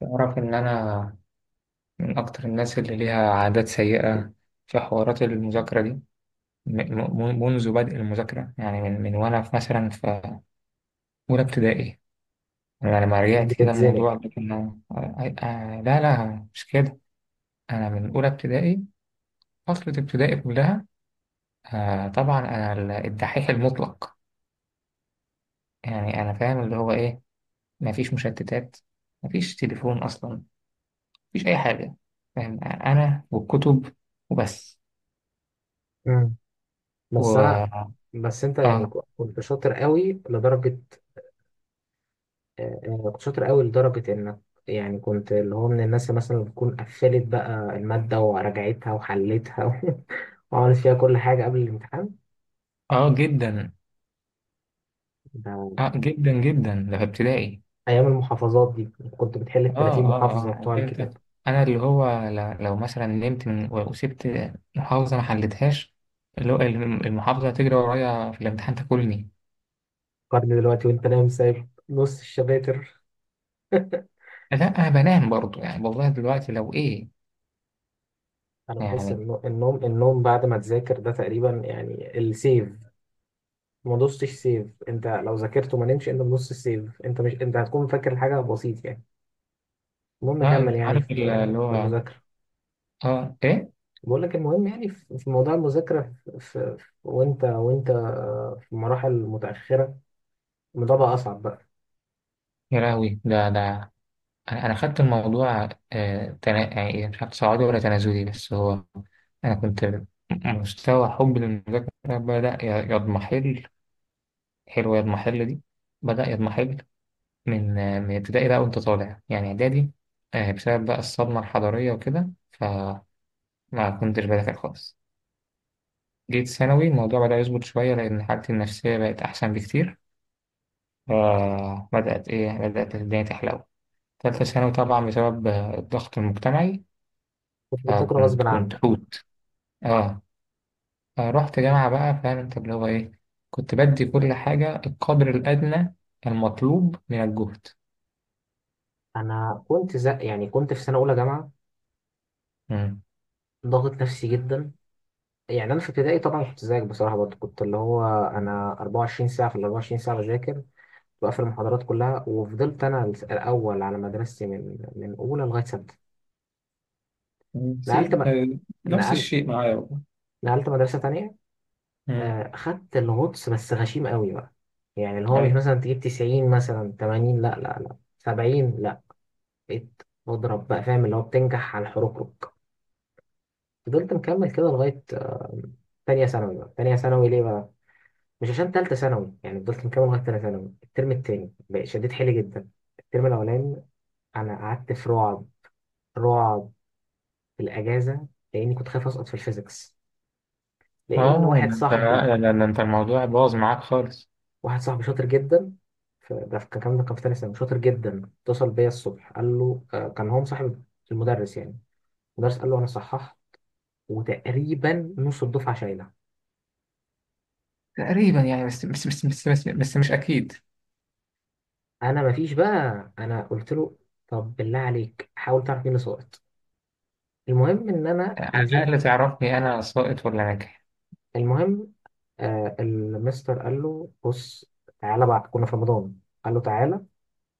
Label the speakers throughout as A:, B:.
A: تعرف إن أنا من أكتر الناس اللي ليها عادات سيئة في حوارات المذاكرة دي، منذ بدء المذاكرة، يعني من وأنا في، مثلا، في أولى ابتدائي. أنا لما رجعت كده
B: بتتزنق.
A: الموضوع ده كان، لا لا مش كده. أنا من أولى ابتدائي، فترة ابتدائي كلها. طبعا أنا الدحيح المطلق، يعني أنا فاهم اللي هو إيه. مفيش مشتتات، مفيش تليفون أصلا، مفيش أي حاجة. فاهم؟ أنا والكتب وبس
B: مم. بس انا
A: و...
B: بس انت يعني
A: آه.
B: كنت شاطر قوي لدرجه آه، كنت شاطر قوي لدرجه انك، يعني كنت اللي هو من الناس اللي مثلا بتكون قفلت بقى الماده وراجعتها وحلتها وعملت فيها كل حاجه قبل الامتحان.
A: اه، جدا.
B: ده
A: اه، جدا جدا، ده في ابتدائي.
B: ايام المحافظات دي كنت بتحل ال
A: اه
B: 30
A: اه اه،
B: محافظه بتوع
A: عارف انت.
B: الكتاب.
A: انا اللي هو لو مثلا نمت من وسبت محافظه ما حلتهاش، اللي هو المحافظه تجري ورايا في الامتحان تاكلني.
B: قارن دلوقتي وانت نايم سايب نص الشباتر.
A: لا، انا بنام برضو يعني. والله دلوقتي لو ايه.
B: انا بحس
A: يعني
B: ان النوم بعد ما تذاكر ده تقريبا يعني السيف. ما دوستش سيف، انت لو ذاكرت وما نمشي انت بنص السيف، انت مش، انت هتكون فاكر الحاجه بسيط يعني. المهم
A: اه،
B: كمل
A: انت
B: يعني
A: عارف
B: في
A: اللي
B: في
A: هو،
B: المذاكره.
A: اه ايه.
B: بقول لك المهم يعني في موضوع المذاكره، وانت في مراحل متاخره، الموضوع بقى اصعب بقى.
A: يا لهوي، ده. انا خدت الموضوع، يعني مش عارف صعودي ولا تنازلي، بس هو، انا كنت مستوى حبي للمذاكرة بدأ يضمحل. حلوة المحل دي. بدأ يضمحل لك من ابتدائي بقى، وأنت طالع يعني إعدادي، بسبب بقى الصدمة الحضارية وكده، فما كنتش بذاكر خالص. جيت ثانوي، الموضوع بدأ يظبط شوية، لأن حالتي النفسية بقت أحسن بكتير، فبدأت إيه بدأت الدنيا تحلو. تالتة ثانوي، طبعا بسبب الضغط المجتمعي،
B: كنت بتذاكر
A: فكنت
B: غصب
A: كنت
B: عنك.
A: حوت. آه. رحت جامعة بقى، فاهم أنت اللي هو إيه، كنت بدي كل حاجة القدر الأدنى المطلوب من الجهد.
B: انا كنت زق يعني، كنت في سنه اولى جامعه،
A: مم.
B: ضاغط نفسي جدا. يعني انا في ابتدائي طبعا كنت زيك بصراحه، برضه كنت اللي هو انا 24 ساعه في ال 24 ساعه بذاكر، بقفل المحاضرات كلها. وفضلت انا الاول على مدرستي من اولى لغايه سته. نقلت
A: زين.
B: م...
A: نفس
B: نقل...
A: الشيء معايا والله.
B: نقلت مدرسه تانية.
A: امم.
B: خدت الغطس بس غشيم قوي بقى. يعني اللي هو مش
A: ايوه.
B: مثلا تجيب 90، مثلا 80، لا لا لا، 70 لا. بقيت بضرب بقى، فاهم اللي هو بتنجح على الحركرك. فضلت مكمل كده لغايه تانية ثانوي. ليه بقى؟ مش عشان تالتة ثانوي. يعني فضلت مكمل لغاية تانية ثانوي. الترم التاني بقى شديت حيلي جدا. الترم الأولاني أنا قعدت في رعب، رعب، في الاجازه، لاني كنت خايف اسقط في الفيزيكس. لان
A: اه، ده انت، لا لا لا، انت الموضوع باظ معاك خالص.
B: واحد صاحبي شاطر جدا، كان ده كان في تاني سنه شاطر جدا، اتصل بيا الصبح قال له كان هو مصاحب المدرس يعني. المدرس قال له انا صححت، وتقريبا نص الدفعه شايله.
A: تقريبا يعني، بس مش اكيد.
B: انا مفيش بقى، انا قلت له طب بالله عليك حاول تعرف مين اللي سقط. المهم ان انا
A: على
B: نزلت.
A: الاقل تعرفني انا ساقط ولا ناجح.
B: المهم، آه، المستر قال له بص تعالى، بعد، كنا في رمضان، قال له تعالى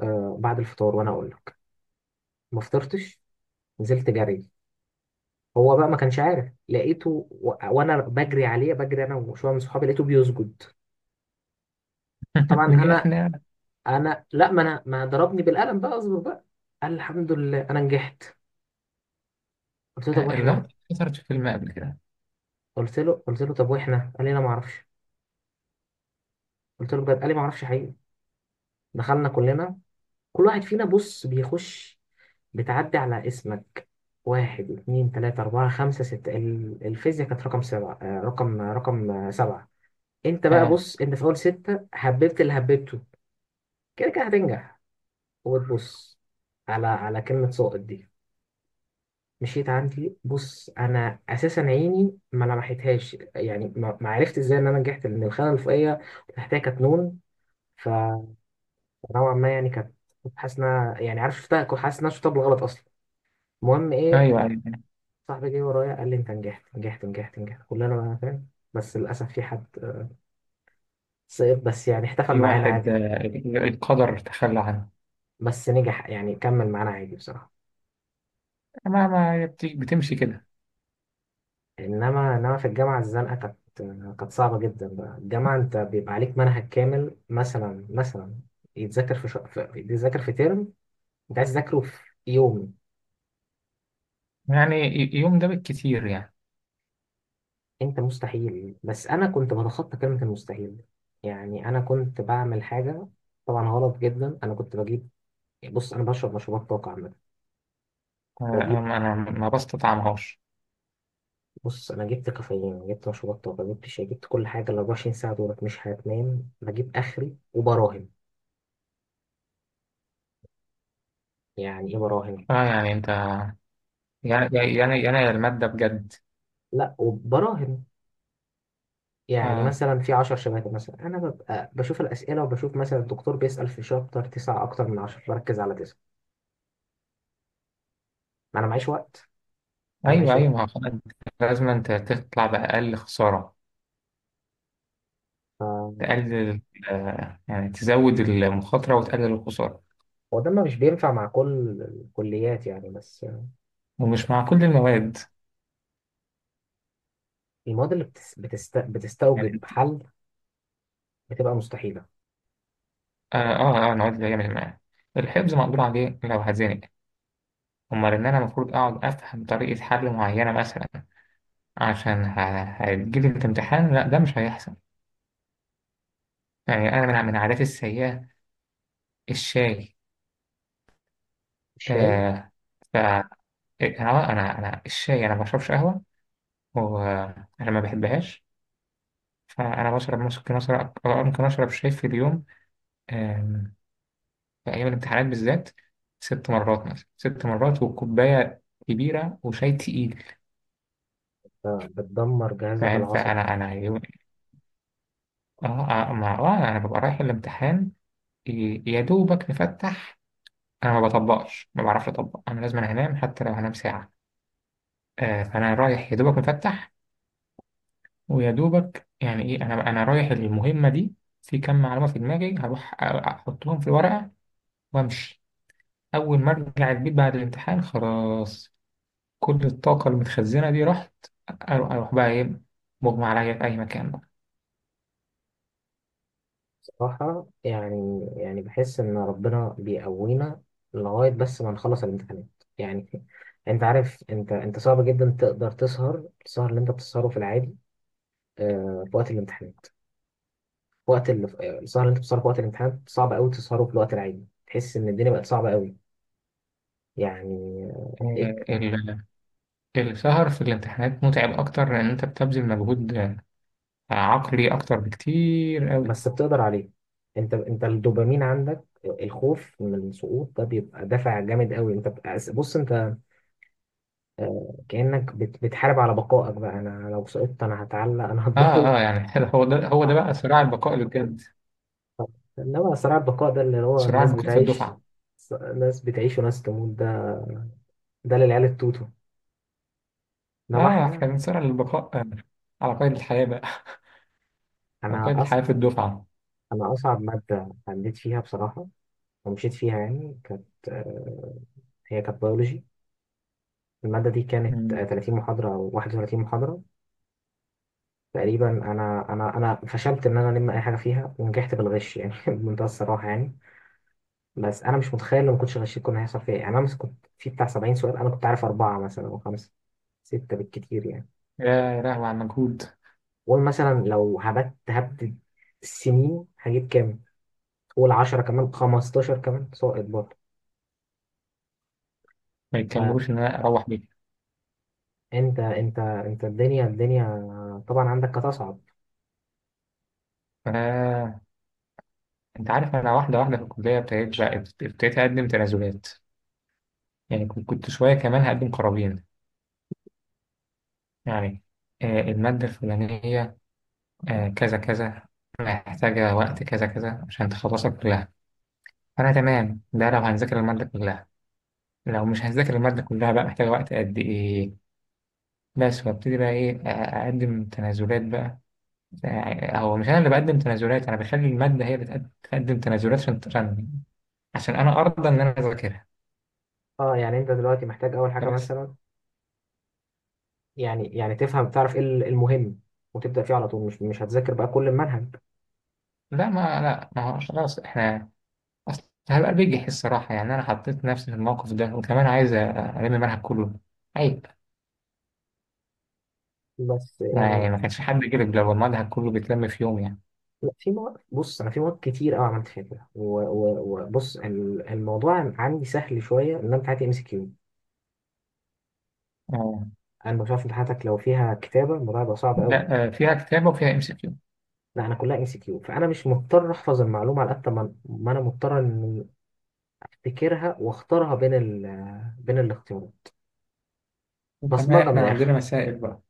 B: آه بعد الفطار، وانا اقول لك ما فطرتش، نزلت جري. هو بقى ما كانش عارف، لقيته وانا بجري عليه بجري، انا وشويه من صحابي، لقيته بيسجد. طبعا
A: نجح
B: انا،
A: احنا.
B: انا لا، ما انا ما ضربني بالقلم بقى اصبر بقى. قال الحمد لله انا نجحت. قلت له طب
A: اللقطه
B: واحنا؟
A: اتكسرت في فيلم قبل كده.
B: قلت له طب واحنا؟ قال لي انا ما اعرفش. قلت له بجد؟ قال لي ما اعرفش حقيقي. دخلنا كلنا، كل واحد فينا بص بيخش، بتعدي على اسمك، واحد اتنين تلاتة أربعة خمسة ستة، الفيزياء كانت رقم سبعة، رقم رقم سبعة. انت بقى
A: اه،
B: بص، انت في اول ستة حببت اللي حببته، كده كده هتنجح. وتبص على كلمة ساقط دي، مشيت عندي. بص انا اساسا عيني ما لمحتهاش يعني، ما عرفت ازاي ان انا نجحت، لان الخانة الفوقية تحتها كانت نون. فنوعا ما يعني كانت، كنت حاسس انها، يعني عارف شفتها، كنت حاسس ان انا شفتها بالغلط اصلا. المهم
A: ايوه
B: ايه،
A: ايوه.
B: صاحبي جه ورايا قال لي انت نجحت نجحت نجحت نجحت، كلنا بقى فاهم. بس للاسف في حد سقط، بس يعني احتفل
A: في
B: معانا عادي،
A: واحد، القدر تخلى عنه.
B: بس نجح يعني كمل معانا عادي بصراحة.
A: ما هي بتمشي كده.
B: انما في الجامعه الزنقه كانت صعبه جدا بقى. الجامعه انت بيبقى عليك منهج كامل مثلا، يتذاكر يتذاكر في ترم، انت عايز تذاكره في يوم.
A: يعني يوم ده بالكتير يعني.
B: انت مستحيل، بس انا كنت بتخطى كلمه المستحيل. يعني انا كنت بعمل حاجه طبعا غلط جدا. انا كنت بجيب، بص انا بشرب مشروبات طاقه عامه. كنت بجيب،
A: انا ما بستطعمهاش.
B: بص انا جبت كافيين، جبت مشروبات طاقه، جبت شاي، جبت كل حاجه. ال 24 ساعه دولت مش هتنام، بجيب اخري وبراهن. يعني ايه براهن؟
A: اه يعني انت، يعني الماده بجد.
B: لا وبراهن يعني
A: اه،
B: مثلا في 10 شباتر، مثلا انا ببقى بشوف الاسئله، وبشوف مثلا الدكتور بيسال في شابتر 9 اكتر من 10، بركز على 9. ما انا معيش وقت، انا
A: ايوه
B: معيش
A: ايوه،
B: وقت.
A: ما هو خلاص انت، لازم انت تطلع باقل خساره، تقلل، يعني تزود المخاطره وتقلل الخساره.
B: هو ده، ما مش بينفع مع كل الكليات يعني، بس
A: ومش مع كل المواد.
B: المواد اللي
A: يعني
B: بتستوجب
A: انت،
B: حل بتبقى مستحيله.
A: اه اه، المواد اللي هي مش معايا، الحفظ مقدور عليه لو هتزنق. امال ان انا المفروض اقعد افهم طريقه حل معينه مثلا، عشان هتجيلي في امتحان. لا ده مش هيحصل. يعني انا من عاداتي السيئه الشاي.
B: الشاي،
A: آه. ف آه، انا انا الشاي، انا ما بشربش قهوه، ولما بحبهاش. فأنا بشرب ممكن أشرب آه، ممكن أشرب شاي في اليوم. آم، في أيام الامتحانات بالذات، 6 مرات مثلا، 6 مرات، وكوباية كبيرة وشاي تقيل.
B: آه، بتدمر جهازك
A: فاهم.
B: العصبي.
A: فأنا يوم، آه ما أنا ببقى رايح الامتحان، يا دوبك مفتح. أنا ما بطبقش، ما بعرفش أطبق. أنا لازم أنام، حتى لو هنام ساعة. فأنا رايح يا دوبك مفتح، ويا دوبك يعني إيه. أنا رايح المهمة دي في كم معلومة في دماغي، هروح أحطهم في الورقة وأمشي. أول ما أرجع البيت بعد الامتحان، خلاص، كل الطاقة المتخزنة دي رحت. أروح بقى إيه، مغمى عليا في أي مكان بقى.
B: صراحه يعني، يعني بحس ان ربنا بيقوينا لغايه بس ما نخلص الامتحانات. يعني انت عارف، انت انت صعب جدا تقدر تسهر السهر اللي انت بتسهره في العادي، آه، في وقت الامتحانات. في وقت ال- آه، السهر اللي انت بتسهره في وقت الامتحانات صعب قوي تسهره في الوقت العادي. تحس ان الدنيا بقت صعبه قوي يعني. آه،
A: آه،
B: تلاقيك،
A: ال- السهر في الامتحانات متعب أكتر، لأن أنت بتبذل مجهود عقلي أكتر بكتير أوي.
B: بس بتقدر عليه. انت، انت الدوبامين عندك، الخوف من السقوط ده بيبقى دافع جامد قوي. بص انت بتحارب على بقائك بقى. انا لو سقطت انا هتعلق، انا هتضرب.
A: يعني، هو ده هو ده بقى صراع البقاء اللي بجد.
B: انما صراع البقاء ده اللي هو
A: صراع
B: ناس
A: البقاء في
B: بتعيش،
A: الدفعة.
B: وناس تموت. ده ده للعيال التوتو، انما احنا.
A: إحنا بنصارع للبقاء، على قيد الحياة بقى. على
B: انا،
A: قيد الحياة في الدفعة.
B: أنا أصعب مادة عديت فيها بصراحة ومشيت فيها يعني، كانت، آه، هي كانت بيولوجي. المادة دي كانت، آه،
A: مم.
B: 30 محاضرة أو 31 محاضرة تقريبا. أنا فشلت إن أنا ألم أي حاجة فيها، ونجحت بالغش يعني بمنتهى الصراحة يعني. بس أنا مش متخيل لو ما كنتش غشيت كنا هيحصل فيها إيه. يعني أنا مثلا كنت في بتاع 70 سؤال، أنا كنت عارف أربعة مثلا أو خمسة، ستة بالكتير يعني.
A: يا لهوي على المجهود.
B: قول مثلا لو هبت سنين، هجيب كام؟ قول 10 كمان، 15 كمان، ساقط برضه.
A: ما يتكملوش إن أنا أروح
B: انت الدنيا، طبعا عندك هتصعب.
A: بيه. انت عارف، انا واحده واحده في الكليه، ابتديت اقدم تنازلات، يعني كنت شويه كمان هقدم قرابين. يعني الماده الفلانيه، كذا كذا، محتاجه وقت كذا كذا عشان تخلصها كلها. فانا تمام، ده لو هنذاكر الماده كلها. لو مش هنذاكر الماده كلها بقى، محتاجه وقت قد ايه، بس. وابتدي بقى ايه، اقدم تنازلات بقى. هو مش انا اللي بقدم تنازلات، انا بخلي الماده هي اللي تقدم تنازلات، عشان عشان انا ارضى ان انا اذاكرها.
B: اه يعني انت دلوقتي محتاج اول حاجه
A: بس.
B: مثلا، يعني، تفهم تعرف ايه إيه المهم وتبدا فيه على طول، مش، مش هتذاكر بقى كل المنهج.
A: لا ما هو خلاص احنا. اصل هبقى بجح الصراحه يعني، انا حطيت نفسي في الموقف ده، وكمان عايز المنهج كله. عيب.
B: بس
A: يعني
B: يعني،
A: ما كانش حد كده لو المنهج كله بيتلم في يوم يعني.
B: لا، في مواد، بص انا في مواد كتير قوي عملت فيها كده وبص الموضوع عندي سهل شويه، ان انا بتاعتي ام سي كيو.
A: اه،
B: انا مش عارف امتحاناتك لو فيها كتابه الموضوع هيبقى صعب قوي.
A: لا، فيها كتابه وفيها ام سي كيو،
B: لا انا كلها ام سي كيو، فانا مش مضطر احفظ المعلومه على قد ما، انا مضطر ان افتكرها واختارها بين بين الاختيارات.
A: وكمان
B: بصمجه من
A: احنا عندنا
B: الاخر.
A: مسائل بقى.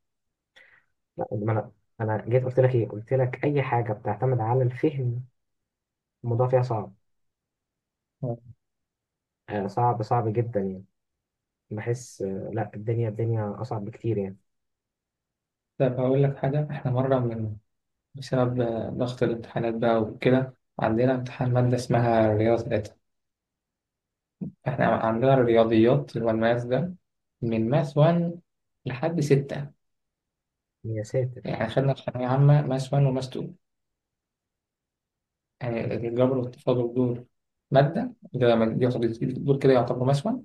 B: لا ما انا، انا جيت قلت لك ايه، قلت لك اي حاجه بتعتمد على الفهم الموضوع فيها صعب.
A: آه.
B: آه، صعب، جدا يعني. بحس آه لا، الدنيا، اصعب بكتير يعني.
A: طب هقول لك حاجه، احنا مره بسبب ضغط الامتحانات بقى وكده، عندنا امتحان ماده اسمها رياضه 3. احنا عندنا الرياضيات اللي هو الماس ده، من ماس 1 لحد 6.
B: يا ساتر
A: يعني خدنا في ثانوية عامة ماس 1 وماس 2، يعني الجبر والتفاضل، دول مادة ده ما- دي يعتبر- دول كده يعتبروا ماس 1،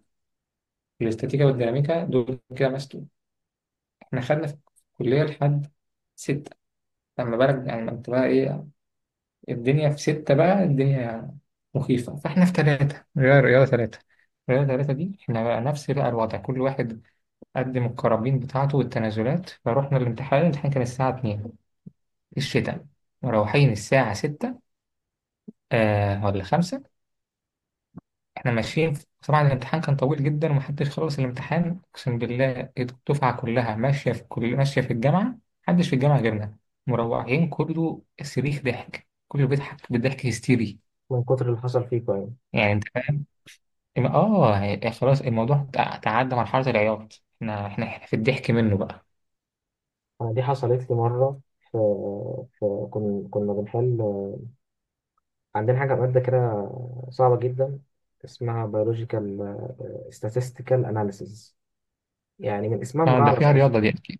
A: الاستاتيكا والديناميكا دول كده ماس 2. احنا خدنا في الكلية لحد 6. لما بقى يعني، لما بقى ايه الدنيا في ستة بقى، الدنيا مخيفة. فاحنا في 3، غير رياضة 3. رياضة ثلاثة دي، احنا بقى نفس بقى الوضع، كل واحد قدم الكرابين بتاعته والتنازلات. فروحنا الامتحان كان الساعة 2 الشتاء، مروحين الساعة 6، ولا 5. احنا ماشيين طبعا الامتحان كان طويل جدا، ومحدش خلص الامتحان، اقسم بالله الدفعه كلها ماشيه في الجامعه. محدش في الجامعه غيرنا. مروحين، كله صريخ، ضحك، كله بيضحك، بضحك هستيري.
B: من كتر اللي حصل فيكم يعني.
A: يعني انت فاهم. يعني خلاص الموضوع تعدى مرحله العياط، احنا في الضحك منه بقى.
B: انا دي حصلت لي مره في، كنا كنا بنحل، آه، عندنا حاجه ماده كده صعبه جدا اسمها biological، آه، statistical analysis. يعني من اسمها
A: اه، ده
B: مجعلص
A: فيها
B: اصلا.
A: رياضه دي اكيد.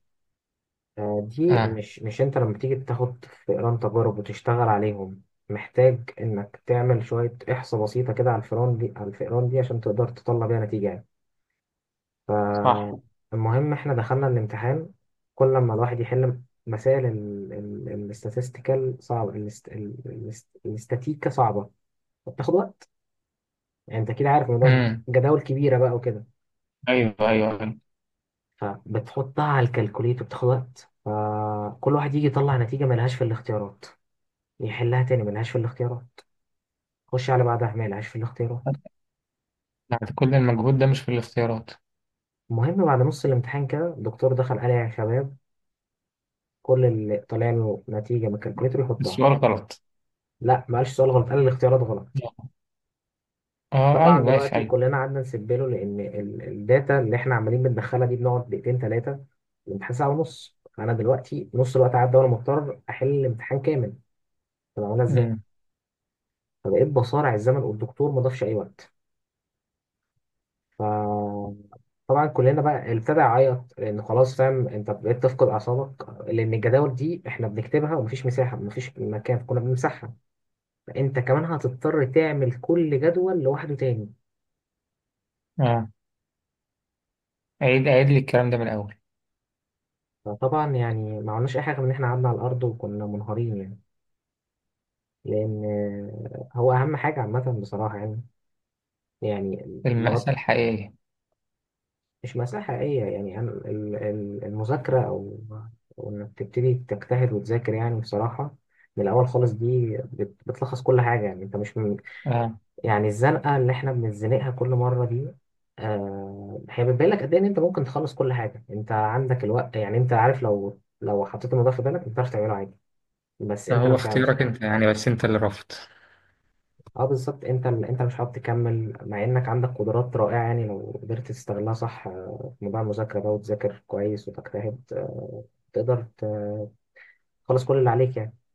B: آه، دي
A: اه
B: مش مش انت لما تيجي تاخد فئران تجارب وتشتغل عليهم، محتاج انك تعمل شوية احصاء بسيطة كده على الفئران دي، عشان تقدر تطلع بيها نتيجة يعني.
A: صح.
B: فالمهم احنا دخلنا الامتحان. كل ما الواحد يحل مسائل الاستاتستيكال صعبة، الاستاتيكا صعبة فبتاخد وقت. يعني انت اكيد عارف الموضوع ده
A: امم.
B: جداول كبيرة بقى وكده.
A: ايوه ايوه أيوة.
B: فبتحطها على الكالكوليتر بتاخد وقت، فكل واحد يجي يطلع نتيجة ملهاش في الاختيارات، يحلها تاني ملهاش في الاختيارات، خش على بعدها ملهاش في الاختيارات.
A: بعد كل المجهود ده مش في الاختيارات.
B: المهم بعد نص الامتحان كده الدكتور دخل قال يا شباب، كل اللي طالع له نتيجة من الكالكوليتر يحطها.
A: السؤال غلط.
B: لا ما قالش سؤال غلط، قال الاختيارات غلط.
A: اه
B: طبعا
A: ايوه ماشي
B: دلوقتي
A: ايوه.
B: كلنا قعدنا نسيب له، لان الداتا اللي احنا عمالين بندخلها دي بنقعد دقيقتين ثلاثة. الامتحان ساعة ونص، فانا دلوقتي نص الوقت عدى، وانا مضطر احل الامتحان كامل. طب عملها ازاي؟
A: امم.
B: فبقيت بصارع الزمن، والدكتور ما ضافش اي وقت. فطبعا كلنا بقى ابتدى يعيط، لان خلاص، فاهم انت بقيت تفقد اعصابك، لان الجداول دي احنا بنكتبها ومفيش مساحه، مفيش مكان، كنا بنمسحها، فانت كمان هتضطر تعمل كل جدول لوحده تاني.
A: اه، عيد عيد لي الكلام ده من الأول.
B: فطبعا يعني ما عملناش اي حاجه من ان احنا قعدنا على الارض وكنا منهارين يعني. لان هو اهم حاجه عامه بصراحه يعني، يعني لغايه،
A: المأساة الحقيقية.
B: مش مأساة حقيقية يعني. أنا المذاكرة أو إنك تبتدي تجتهد وتذاكر يعني بصراحة من الأول خالص دي بتلخص كل حاجة. يعني أنت مش من،
A: اه،
B: يعني الزنقة اللي إحنا بنتزنقها كل مرة دي، آه، هي بتبين لك قد إيه إن أنت ممكن تخلص كل حاجة، أنت عندك الوقت يعني. أنت عارف لو، حطيت الموضوع في بالك أنت تعرف تعمله عادي، بس أنت لو
A: هو
B: مش عاوز.
A: اختيارك انت يعني، بس انت اللي رفضت.
B: اه بالظبط، انت، مش عارف تكمل مع انك عندك قدرات رائعه يعني، لو قدرت تستغلها صح، آه، في موضوع المذاكره بقى، وتذاكر كويس وتجتهد، آه، تقدر تخلص كل اللي عليك يعني.